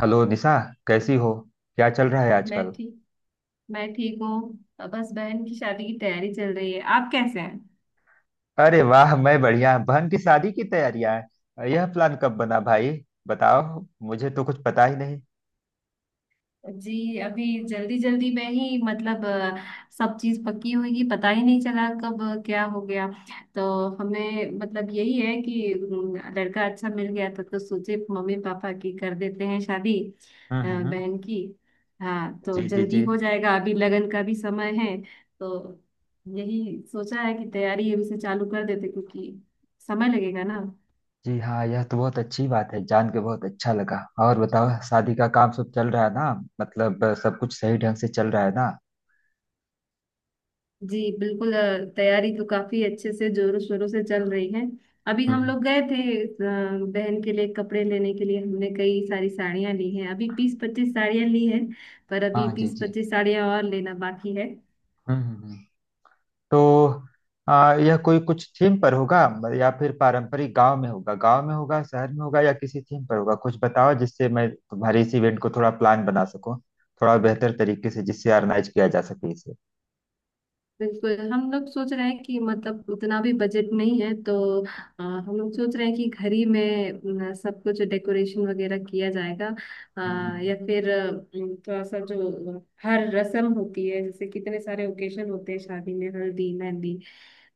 Hello Nisha, कैसी हो? क्या चल रहा है मैं आजकल? ठीक मैं ठीक हूँ। अब बस बहन की शादी की तैयारी चल रही है। आप कैसे हैं? अरे वाह, मैं बढ़िया। बहन की शादी की तैयारियां हैं? यह प्लान कब बना भाई, बताओ। मुझे तो कुछ पता ही नहीं। जी, अभी जल्दी जल्दी में ही मतलब सब चीज पक्की हुई, पता ही नहीं चला कब क्या हो गया। तो हमें मतलब यही है कि लड़का अच्छा मिल गया था तो सोचे मम्मी पापा की कर देते हैं शादी, हम्म हम्म हम्म। बहन की। हाँ जी तो जी जी। जल्दी हो जाएगा, अभी लगन का भी समय है। तो यही सोचा है कि तैयारी अभी से चालू कर देते क्योंकि समय लगेगा ना। जी हाँ, यह तो बहुत अच्छी बात है, जान के बहुत अच्छा लगा। और बताओ, शादी का काम सब चल रहा है ना? मतलब सब कुछ सही ढंग से चल रहा है ना? जी बिल्कुल, तैयारी तो काफी अच्छे से जोरों शोरों से चल रही है। अभी हम हम्म। लोग गए थे बहन के लिए कपड़े लेने के लिए। हमने कई सारी साड़ियां ली हैं, अभी 20-25 साड़ियां ली हैं। पर अभी हाँ जी बीस जी। पच्चीस साड़ियां और लेना बाकी है। हम्म हम्म, तो यह कोई कुछ थीम पर होगा या फिर पारंपरिक गांव में होगा, गांव में होगा, शहर में होगा या किसी थीम पर होगा? कुछ बताओ जिससे मैं तुम्हारे इस इवेंट को थोड़ा प्लान बना सकूं, थोड़ा बेहतर तरीके से, जिससे ऑर्गेनाइज किया जा सके इसे। बिल्कुल, हम लोग सोच रहे हैं कि मतलब उतना भी बजट नहीं है तो हम लोग सोच रहे हैं कि घर ही में सब कुछ डेकोरेशन वगैरह किया जाएगा। अ, हम्म हम्म, हम्म। या फिर अ, थोड़ा सा जो हर रस्म होती है, जैसे कितने सारे ओकेशन होते हैं शादी में, हल्दी मेहंदी।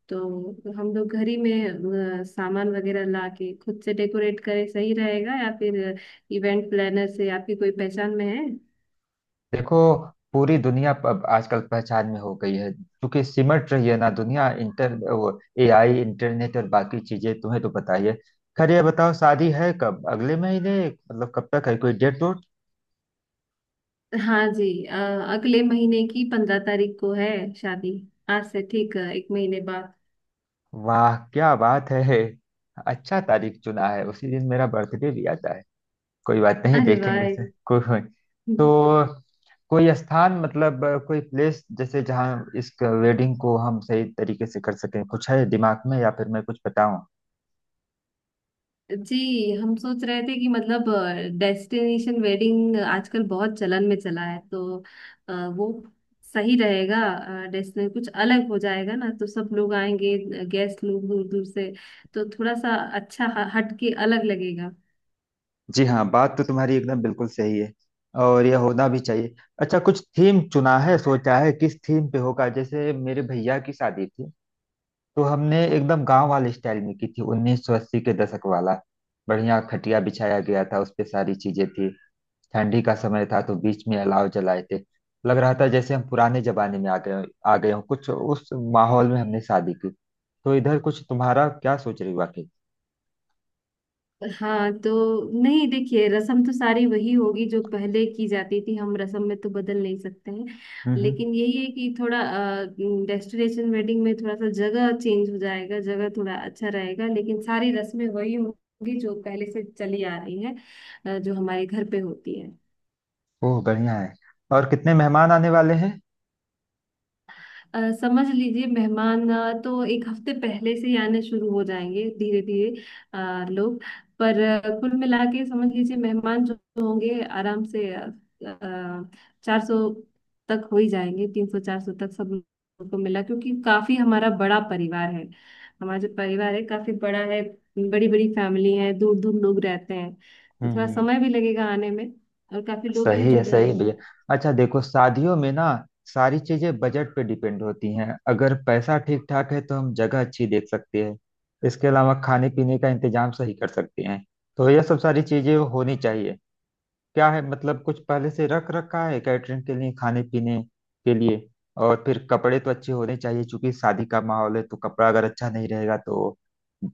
तो हम लोग घर ही में सामान वगैरह ला के खुद से डेकोरेट करें सही रहेगा, या फिर इवेंट प्लानर से आपकी कोई पहचान में है? देखो, पूरी दुनिया अब आजकल पहचान में हो गई है क्योंकि सिमट रही है ना दुनिया। इंटर वो, एआई, इंटरनेट और बाकी चीजें, तुम्हें तो पता ही है। खैर ये बताओ, शादी है कब? अगले महीने मतलब कब तक है? कोई डेट? हाँ जी, अगले महीने की 15 तारीख को है शादी। आज से ठीक है, एक महीने बाद। वाह, क्या बात है। अच्छा तारीख चुना है, उसी दिन मेरा बर्थडे भी आता है। कोई बात नहीं, अरे देखेंगे वाह! से कोई। तो कोई स्थान मतलब कोई प्लेस जैसे, जहाँ इस वेडिंग को हम सही तरीके से कर सकें, कुछ है दिमाग में या फिर मैं कुछ बताऊं? जी, हम सोच रहे थे कि मतलब डेस्टिनेशन वेडिंग आजकल बहुत चलन में चला है तो वो सही रहेगा। डेस्टिनेशन कुछ अलग हो जाएगा ना तो सब लोग आएंगे, गेस्ट लोग दूर दूर से। तो थोड़ा सा अच्छा हट के अलग लगेगा। जी हाँ, बात तो तुम्हारी एकदम बिल्कुल सही है और यह होना भी चाहिए। अच्छा, कुछ थीम चुना है? सोचा है किस थीम पे होगा? जैसे मेरे भैया की शादी थी, तो हमने एकदम गांव वाले स्टाइल में की थी, 1980 के दशक वाला। बढ़िया खटिया बिछाया गया था, उस पे सारी चीजें थी। ठंडी का समय था तो बीच में अलाव जलाए थे। लग रहा था जैसे हम पुराने जमाने में आ गए हों, कुछ उस माहौल में हमने शादी की। तो इधर कुछ तुम्हारा क्या सोच रही वाकई? हाँ तो नहीं, देखिए रसम तो सारी वही होगी जो पहले की जाती थी, हम रसम में तो बदल नहीं सकते हैं। हम्म हम्म। लेकिन यही है कि थोड़ा डेस्टिनेशन वेडिंग में थोड़ा सा जगह चेंज हो जाएगा, जगह थोड़ा अच्छा रहेगा, लेकिन सारी रस्में वही होंगी जो पहले से चली आ रही हैं, जो हमारे घर पे होती है। ओह, बढ़िया है। और कितने मेहमान आने वाले हैं? समझ लीजिए मेहमान, तो एक हफ्ते पहले से ही आने शुरू हो जाएंगे धीरे धीरे लोग। पर कुल मिला के समझ लीजिए मेहमान जो होंगे आराम से 400 तक हो ही जाएंगे, 300-400 तक सब लोगों को मिला, क्योंकि काफी हमारा बड़ा परिवार है। हमारा जो परिवार है काफी बड़ा है, बड़ी बड़ी फैमिली है, दूर दूर लोग रहते हैं। तो थोड़ा हम्म। समय भी लगेगा आने में और काफी लोग भी जुड़ सही है जाएंगे। भैया। अच्छा देखो, शादियों में ना सारी चीजें बजट पे डिपेंड होती हैं। अगर पैसा ठीक ठाक है तो हम जगह अच्छी देख सकते हैं, इसके अलावा खाने पीने का इंतजाम सही कर सकते हैं। तो यह सब सारी चीजें होनी चाहिए। क्या है मतलब, कुछ पहले से रख रखा है कैटरिंग के लिए, खाने पीने के लिए? और फिर कपड़े तो अच्छे होने चाहिए क्योंकि शादी का माहौल है, तो कपड़ा अगर अच्छा नहीं रहेगा तो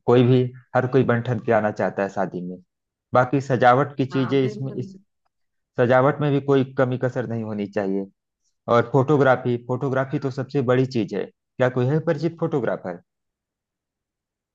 कोई भी, हर कोई बन ठन के आना चाहता है शादी में। बाकी सजावट की हाँ चीजें, इसमें बिल्कुल। इस सजावट में भी कोई कमी कसर नहीं होनी चाहिए। और फोटोग्राफी, फोटोग्राफी तो सबसे बड़ी चीज है। क्या कोई है परिचित फोटोग्राफर?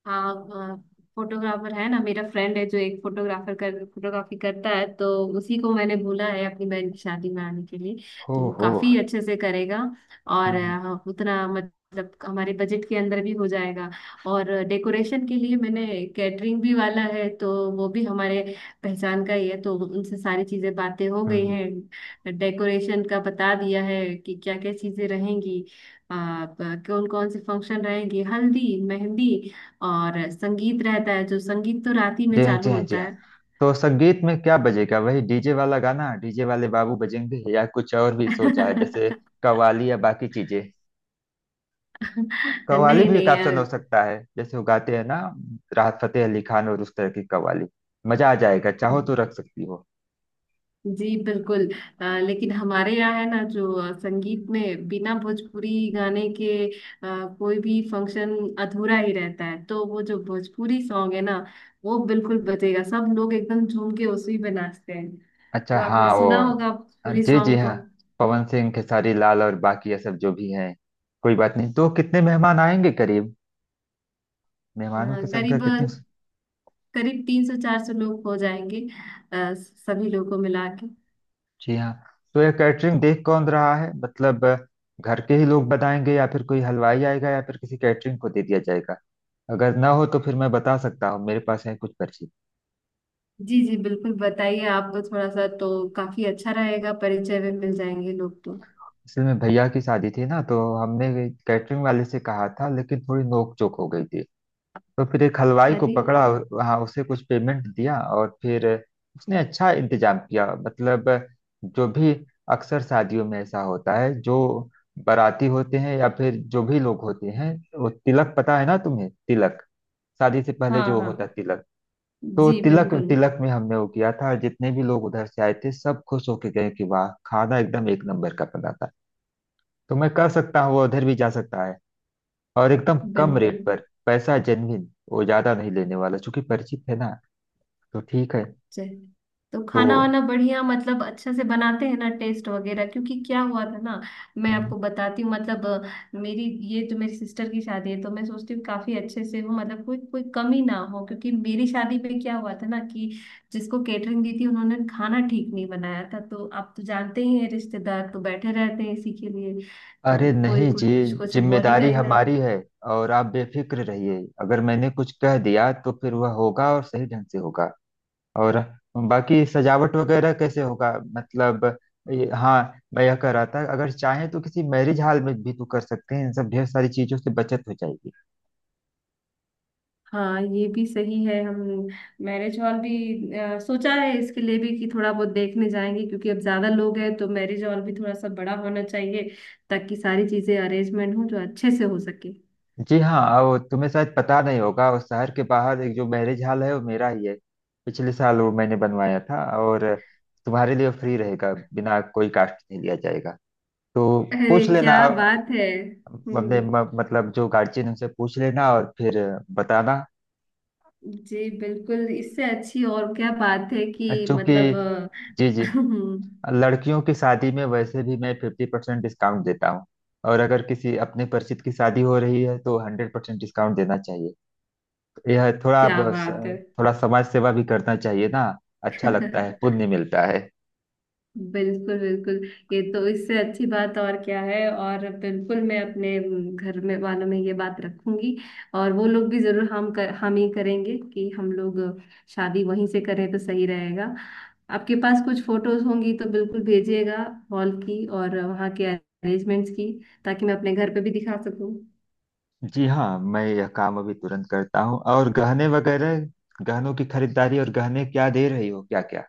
हाँ, फोटोग्राफर है ना, मेरा फ्रेंड है जो एक फोटोग्राफर कर फोटोग्राफी करता है तो उसी को मैंने बोला है अपनी बहन की शादी में आने के लिए। हो तो वो हो। काफी अच्छे से करेगा और हम्म उतना मतलब हमारे बजट के अंदर भी हो जाएगा। और डेकोरेशन के लिए मैंने कैटरिंग भी वाला है तो वो भी हमारे पहचान का ही है, तो उनसे सारी चीजें बातें हो गई हम्म, हैं। डेकोरेशन का बता दिया है कि क्या क्या चीजें रहेंगी, कौन कौन से फंक्शन रहेंगे, हल्दी मेहंदी और संगीत रहता है, जो संगीत तो रात ही में जी हाँ जी चालू हाँ जी होता हाँ। है। तो संगीत में क्या बजेगा? वही डीजे वाला गाना, डीजे वाले बाबू बजेंगे या कुछ और भी सोचा है, जैसे कव्वाली या बाकी चीजें। कव्वाली नहीं भी एक नहीं, ऑप्शन हो सकता है। जैसे वो गाते हैं ना, राहत फतेह अली खान और उस तरह की कव्वाली। मजा आ जाएगा, चाहो तो रख सकती हो। जी बिल्कुल लेकिन हमारे यहाँ है ना जो संगीत में बिना भोजपुरी गाने के कोई भी फंक्शन अधूरा ही रहता है। तो वो जो भोजपुरी सॉन्ग है ना वो बिल्कुल बजेगा, सब लोग एकदम झूम के उसी पे नाचते हैं। अच्छा वो आपने हाँ वो सुना होगा भोजपुरी जी जी सॉन्ग तो। हाँ, पवन सिंह, खेसारी लाल और बाकी ये सब जो भी हैं। कोई बात नहीं। तो कितने मेहमान आएंगे करीब? अ, मेहमानों की संख्या करीब कितनी? करीब 300-400 लोग हो जाएंगे, सभी लोगों को मिला के। जी हाँ। तो ये कैटरिंग देख कौन रहा है? मतलब घर के ही लोग बनाएंगे या फिर कोई हलवाई आएगा या फिर किसी कैटरिंग को दे दिया जाएगा? अगर ना हो तो फिर मैं बता सकता हूँ, मेरे पास है कुछ पर्ची। जी जी बिल्कुल, बताइए, आपको थोड़ा सा तो काफी अच्छा रहेगा, परिचय में मिल जाएंगे लोग तो। असल में भैया की शादी थी ना, तो हमने कैटरिंग वाले से कहा था, लेकिन थोड़ी नोक चोक हो गई थी। तो फिर एक हलवाई को अरे, पकड़ा वहाँ, उसे कुछ पेमेंट दिया और फिर उसने अच्छा इंतजाम किया। मतलब जो भी, अक्सर शादियों में ऐसा होता है जो बाराती होते हैं या फिर जो भी लोग होते हैं, वो तिलक, पता है ना तुम्हें तिलक, शादी से पहले हाँ जो होता है हाँ। तिलक, तो जी तिलक बिल्कुल तिलक में हमने वो किया था, जितने भी लोग उधर से आए थे सब खुश होके गए कि वाह, खाना एकदम एक नंबर का बना था। तो मैं कह सकता हूँ वो उधर भी जा सकता है, और एकदम कम बिल्कुल। रेट पर। पैसा जेन्युइन, वो ज्यादा नहीं लेने वाला चूंकि परिचित है ना, तो ठीक है चल, तो खाना तो वाना बढ़िया मतलब अच्छा से बनाते हैं ना, टेस्ट वगैरह, क्योंकि क्या हुआ था ना। मैं हम्म। आपको बताती हूँ, मतलब मेरी, ये जो मेरी सिस्टर की शादी है, तो मैं सोचती हूँ काफी अच्छे से हो, मतलब कोई कोई कमी ना हो, क्योंकि मेरी शादी में क्या हुआ था ना कि जिसको केटरिंग दी थी उन्होंने खाना ठीक नहीं बनाया था, तो आप तो जानते ही हैं रिश्तेदार तो बैठे रहते हैं इसी के लिए। तो अरे कोई नहीं कोई जी, कुछ कुछ बोल ही जिम्मेदारी रहेगा। हमारी है। और आप बेफिक्र रहिए, अगर मैंने कुछ कह दिया तो फिर वह होगा और सही ढंग से होगा। और बाकी सजावट वगैरह कैसे होगा, मतलब हाँ, मैं यह कह रहा था, अगर चाहें तो किसी मैरिज हॉल में भी तो कर सकते हैं। इन सब ढेर सारी चीजों से बचत हो जाएगी। हाँ ये भी सही है, हम मैरिज हॉल भी सोचा है इसके लिए भी कि थोड़ा बहुत देखने जाएंगे, क्योंकि अब ज्यादा लोग हैं तो मैरिज हॉल भी थोड़ा सा बड़ा होना चाहिए, ताकि सारी चीजें अरेंजमेंट हो, जो अच्छे से हो सके। जी हाँ। अब तुम्हें शायद पता नहीं होगा, उस शहर के बाहर एक जो मैरिज हॉल है, वो मेरा ही है। पिछले साल वो मैंने बनवाया था, और तुम्हारे लिए फ्री रहेगा, बिना कोई कास्ट नहीं लिया जाएगा। तो अरे पूछ लेना क्या अ- बात है! हम्म। मतलब जो गार्जियन, उनसे पूछ लेना और फिर बताना। जी बिल्कुल, इससे अच्छी और क्या बात है कि क्योंकि मतलब जी जी, लड़कियों की शादी में वैसे भी मैं फिफ्टी परसेंट डिस्काउंट देता हूँ, और अगर किसी अपने परिचित की शादी हो रही है तो हंड्रेड परसेंट डिस्काउंट देना चाहिए। यह थोड़ा क्या बस, बात है! थोड़ा समाज सेवा भी करना चाहिए ना। अच्छा लगता है, पुण्य मिलता है। बिल्कुल बिल्कुल। ये तो इससे अच्छी बात और क्या है! और बिल्कुल मैं अपने घर में वालों में ये बात रखूंगी, और वो लोग भी जरूर हम ही करेंगे कि हम लोग शादी वहीं से करें तो सही रहेगा। आपके पास कुछ फोटोज होंगी तो बिल्कुल भेजिएगा, हॉल की और वहाँ के अरेंजमेंट्स की, ताकि मैं अपने घर पे भी दिखा सकूं। जी हाँ, मैं यह काम अभी तुरंत करता हूँ। और गहने वगैरह, गहनों की खरीदारी, और गहने क्या दे रही हो, क्या क्या?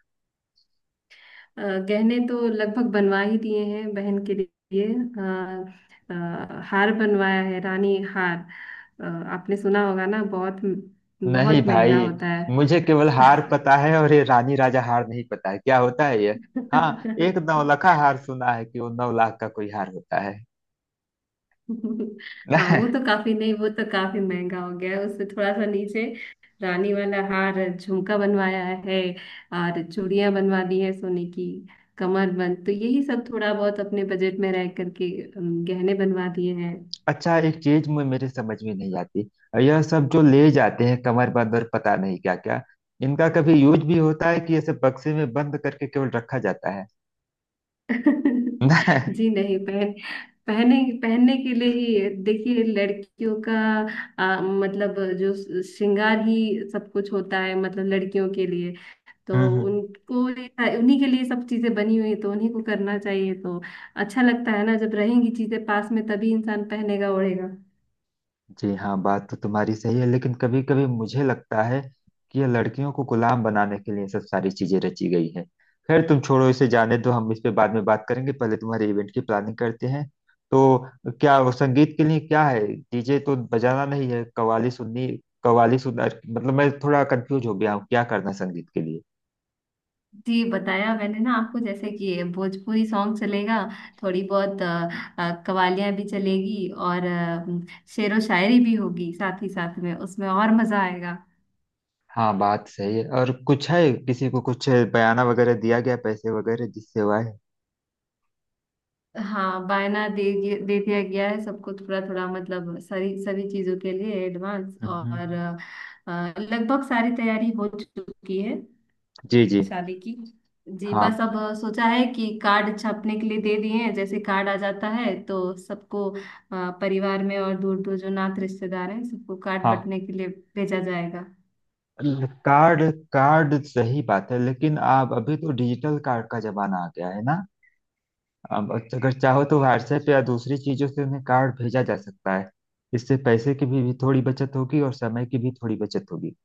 अ, गहने तो लगभग बनवा ही दिए हैं बहन के लिए, हार बनवाया है, रानी हार। आपने सुना होगा ना, बहुत नहीं बहुत महंगा भाई, होता है। मुझे केवल हार पता है, और ये रानी राजा हार नहीं पता है क्या होता है ये। हाँ, एक नौलखा हार सुना है कि वो नौ लाख का कोई हार होता हाँ है। वो तो काफी, नहीं वो तो काफी महंगा हो गया है, उससे थोड़ा सा नीचे रानी वाला हार झुमका बनवाया है, और चूड़ियां बनवा दी है सोने की, कमर बंद, तो यही सब थोड़ा बहुत अपने बजट में रह करके गहने बनवा दिए हैं। अच्छा, एक चीज में मेरे समझ में नहीं आती, यह सब जो ले जाते हैं कमरबंद और पता नहीं क्या क्या, इनका कभी यूज भी होता है कि ये सब बक्से में बंद करके केवल रखा जाता है? जी नहीं, पहने पहनने के लिए ही, देखिए लड़कियों का मतलब जो श्रृंगार ही सब कुछ होता है मतलब लड़कियों के लिए। तो हम्म। उनको उन्हीं के लिए सब चीजें बनी हुई है तो उन्हीं को करना चाहिए। तो अच्छा लगता है ना, जब रहेंगी चीजें पास में तभी इंसान पहनेगा ओढ़ेगा। जी हाँ, बात तो तुम्हारी सही है, लेकिन कभी कभी मुझे लगता है कि ये लड़कियों को गुलाम बनाने के लिए ये सब सारी चीजें रची गई है। खैर तुम छोड़ो, इसे जाने दो, हम इस पे बाद में बात करेंगे, पहले तुम्हारे इवेंट की प्लानिंग करते हैं। तो क्या वो संगीत के लिए क्या है? डीजे तो बजाना नहीं है, कव्वाली सुननी, कव्वाली सुनना, मतलब मैं थोड़ा कंफ्यूज हो गया हूँ क्या करना संगीत के लिए। जी बताया मैंने ना आपको, जैसे कि ये भोजपुरी सॉन्ग चलेगा, थोड़ी बहुत कवालियां भी चलेगी, और शेरो शायरी भी होगी साथ ही साथ में, उसमें और मजा आएगा। हाँ बात सही है। और कुछ है, किसी को कुछ बयाना वगैरह दिया गया, पैसे वगैरह, जिससे हुआ है? हाँ बायना दे दिया गया है सबको, थोड़ा थोड़ा मतलब सारी सभी चीजों के लिए एडवांस। हम्म, हम्म, और हम्म। लगभग सारी तैयारी हो चुकी है जी जी शादी की। जी बस हाँ अब सोचा है कि कार्ड छापने के लिए दे दिए हैं, जैसे कार्ड आ जाता है तो सबको परिवार में और दूर दूर जो नात रिश्तेदार हैं सबको कार्ड हाँ। बंटने के लिए भेजा जाएगा। कार्ड, कार्ड सही बात है, लेकिन आप, अभी तो डिजिटल कार्ड का जमाना आ गया है ना। अब अगर चाहो तो व्हाट्सएप या दूसरी चीजों से उन्हें कार्ड भेजा जा सकता है। इससे पैसे की भी थोड़ी बचत होगी और समय की भी थोड़ी बचत होगी।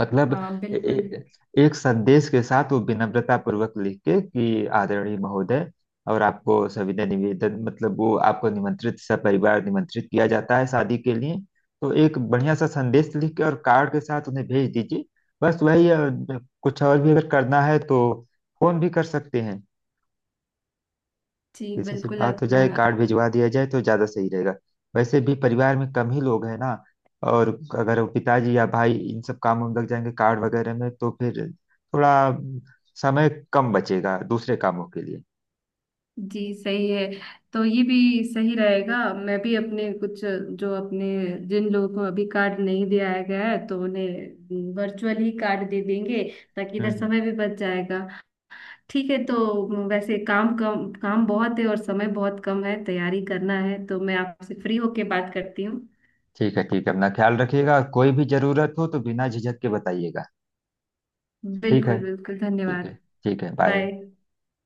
मतलब हाँ बिल्कुल। एक संदेश के साथ, वो विनम्रता पूर्वक लिख के कि आदरणीय महोदय, और आपको सविनय निवेदन, मतलब वो आपको निमंत्रित, सपरिवार निमंत्रित किया जाता है शादी के लिए। तो एक बढ़िया सा संदेश लिख के और कार्ड के साथ उन्हें भेज दीजिए। बस वही कुछ और भी अगर करना है तो फोन भी कर सकते हैं, जी किसी से बिल्कुल, आप। बात हो जाए, हाँ, कार्ड भिजवा दिया जाए तो ज्यादा सही रहेगा। वैसे भी परिवार में कम ही लोग हैं ना, और अगर वो पिताजी या भाई इन सब कामों में लग जाएंगे, कार्ड वगैरह में, तो फिर थोड़ा समय कम बचेगा दूसरे कामों के लिए। जी सही है, तो ये भी सही रहेगा, मैं भी अपने कुछ जो अपने जिन लोगों को अभी कार्ड नहीं दिया गया है तो उन्हें वर्चुअल ही कार्ड दे देंगे, ताकि हम्म इधर हम्म। समय भी बच जाएगा। ठीक है, तो वैसे काम कम, काम बहुत है और समय बहुत कम है, तैयारी करना है तो मैं आपसे फ्री होके बात करती हूँ। ठीक है ठीक है, अपना ख्याल रखिएगा, कोई भी जरूरत हो तो बिना झिझक के बताइएगा। ठीक है, बिल्कुल बिल्कुल, ठीक है, धन्यवाद। ठीक है, बाय। बाय।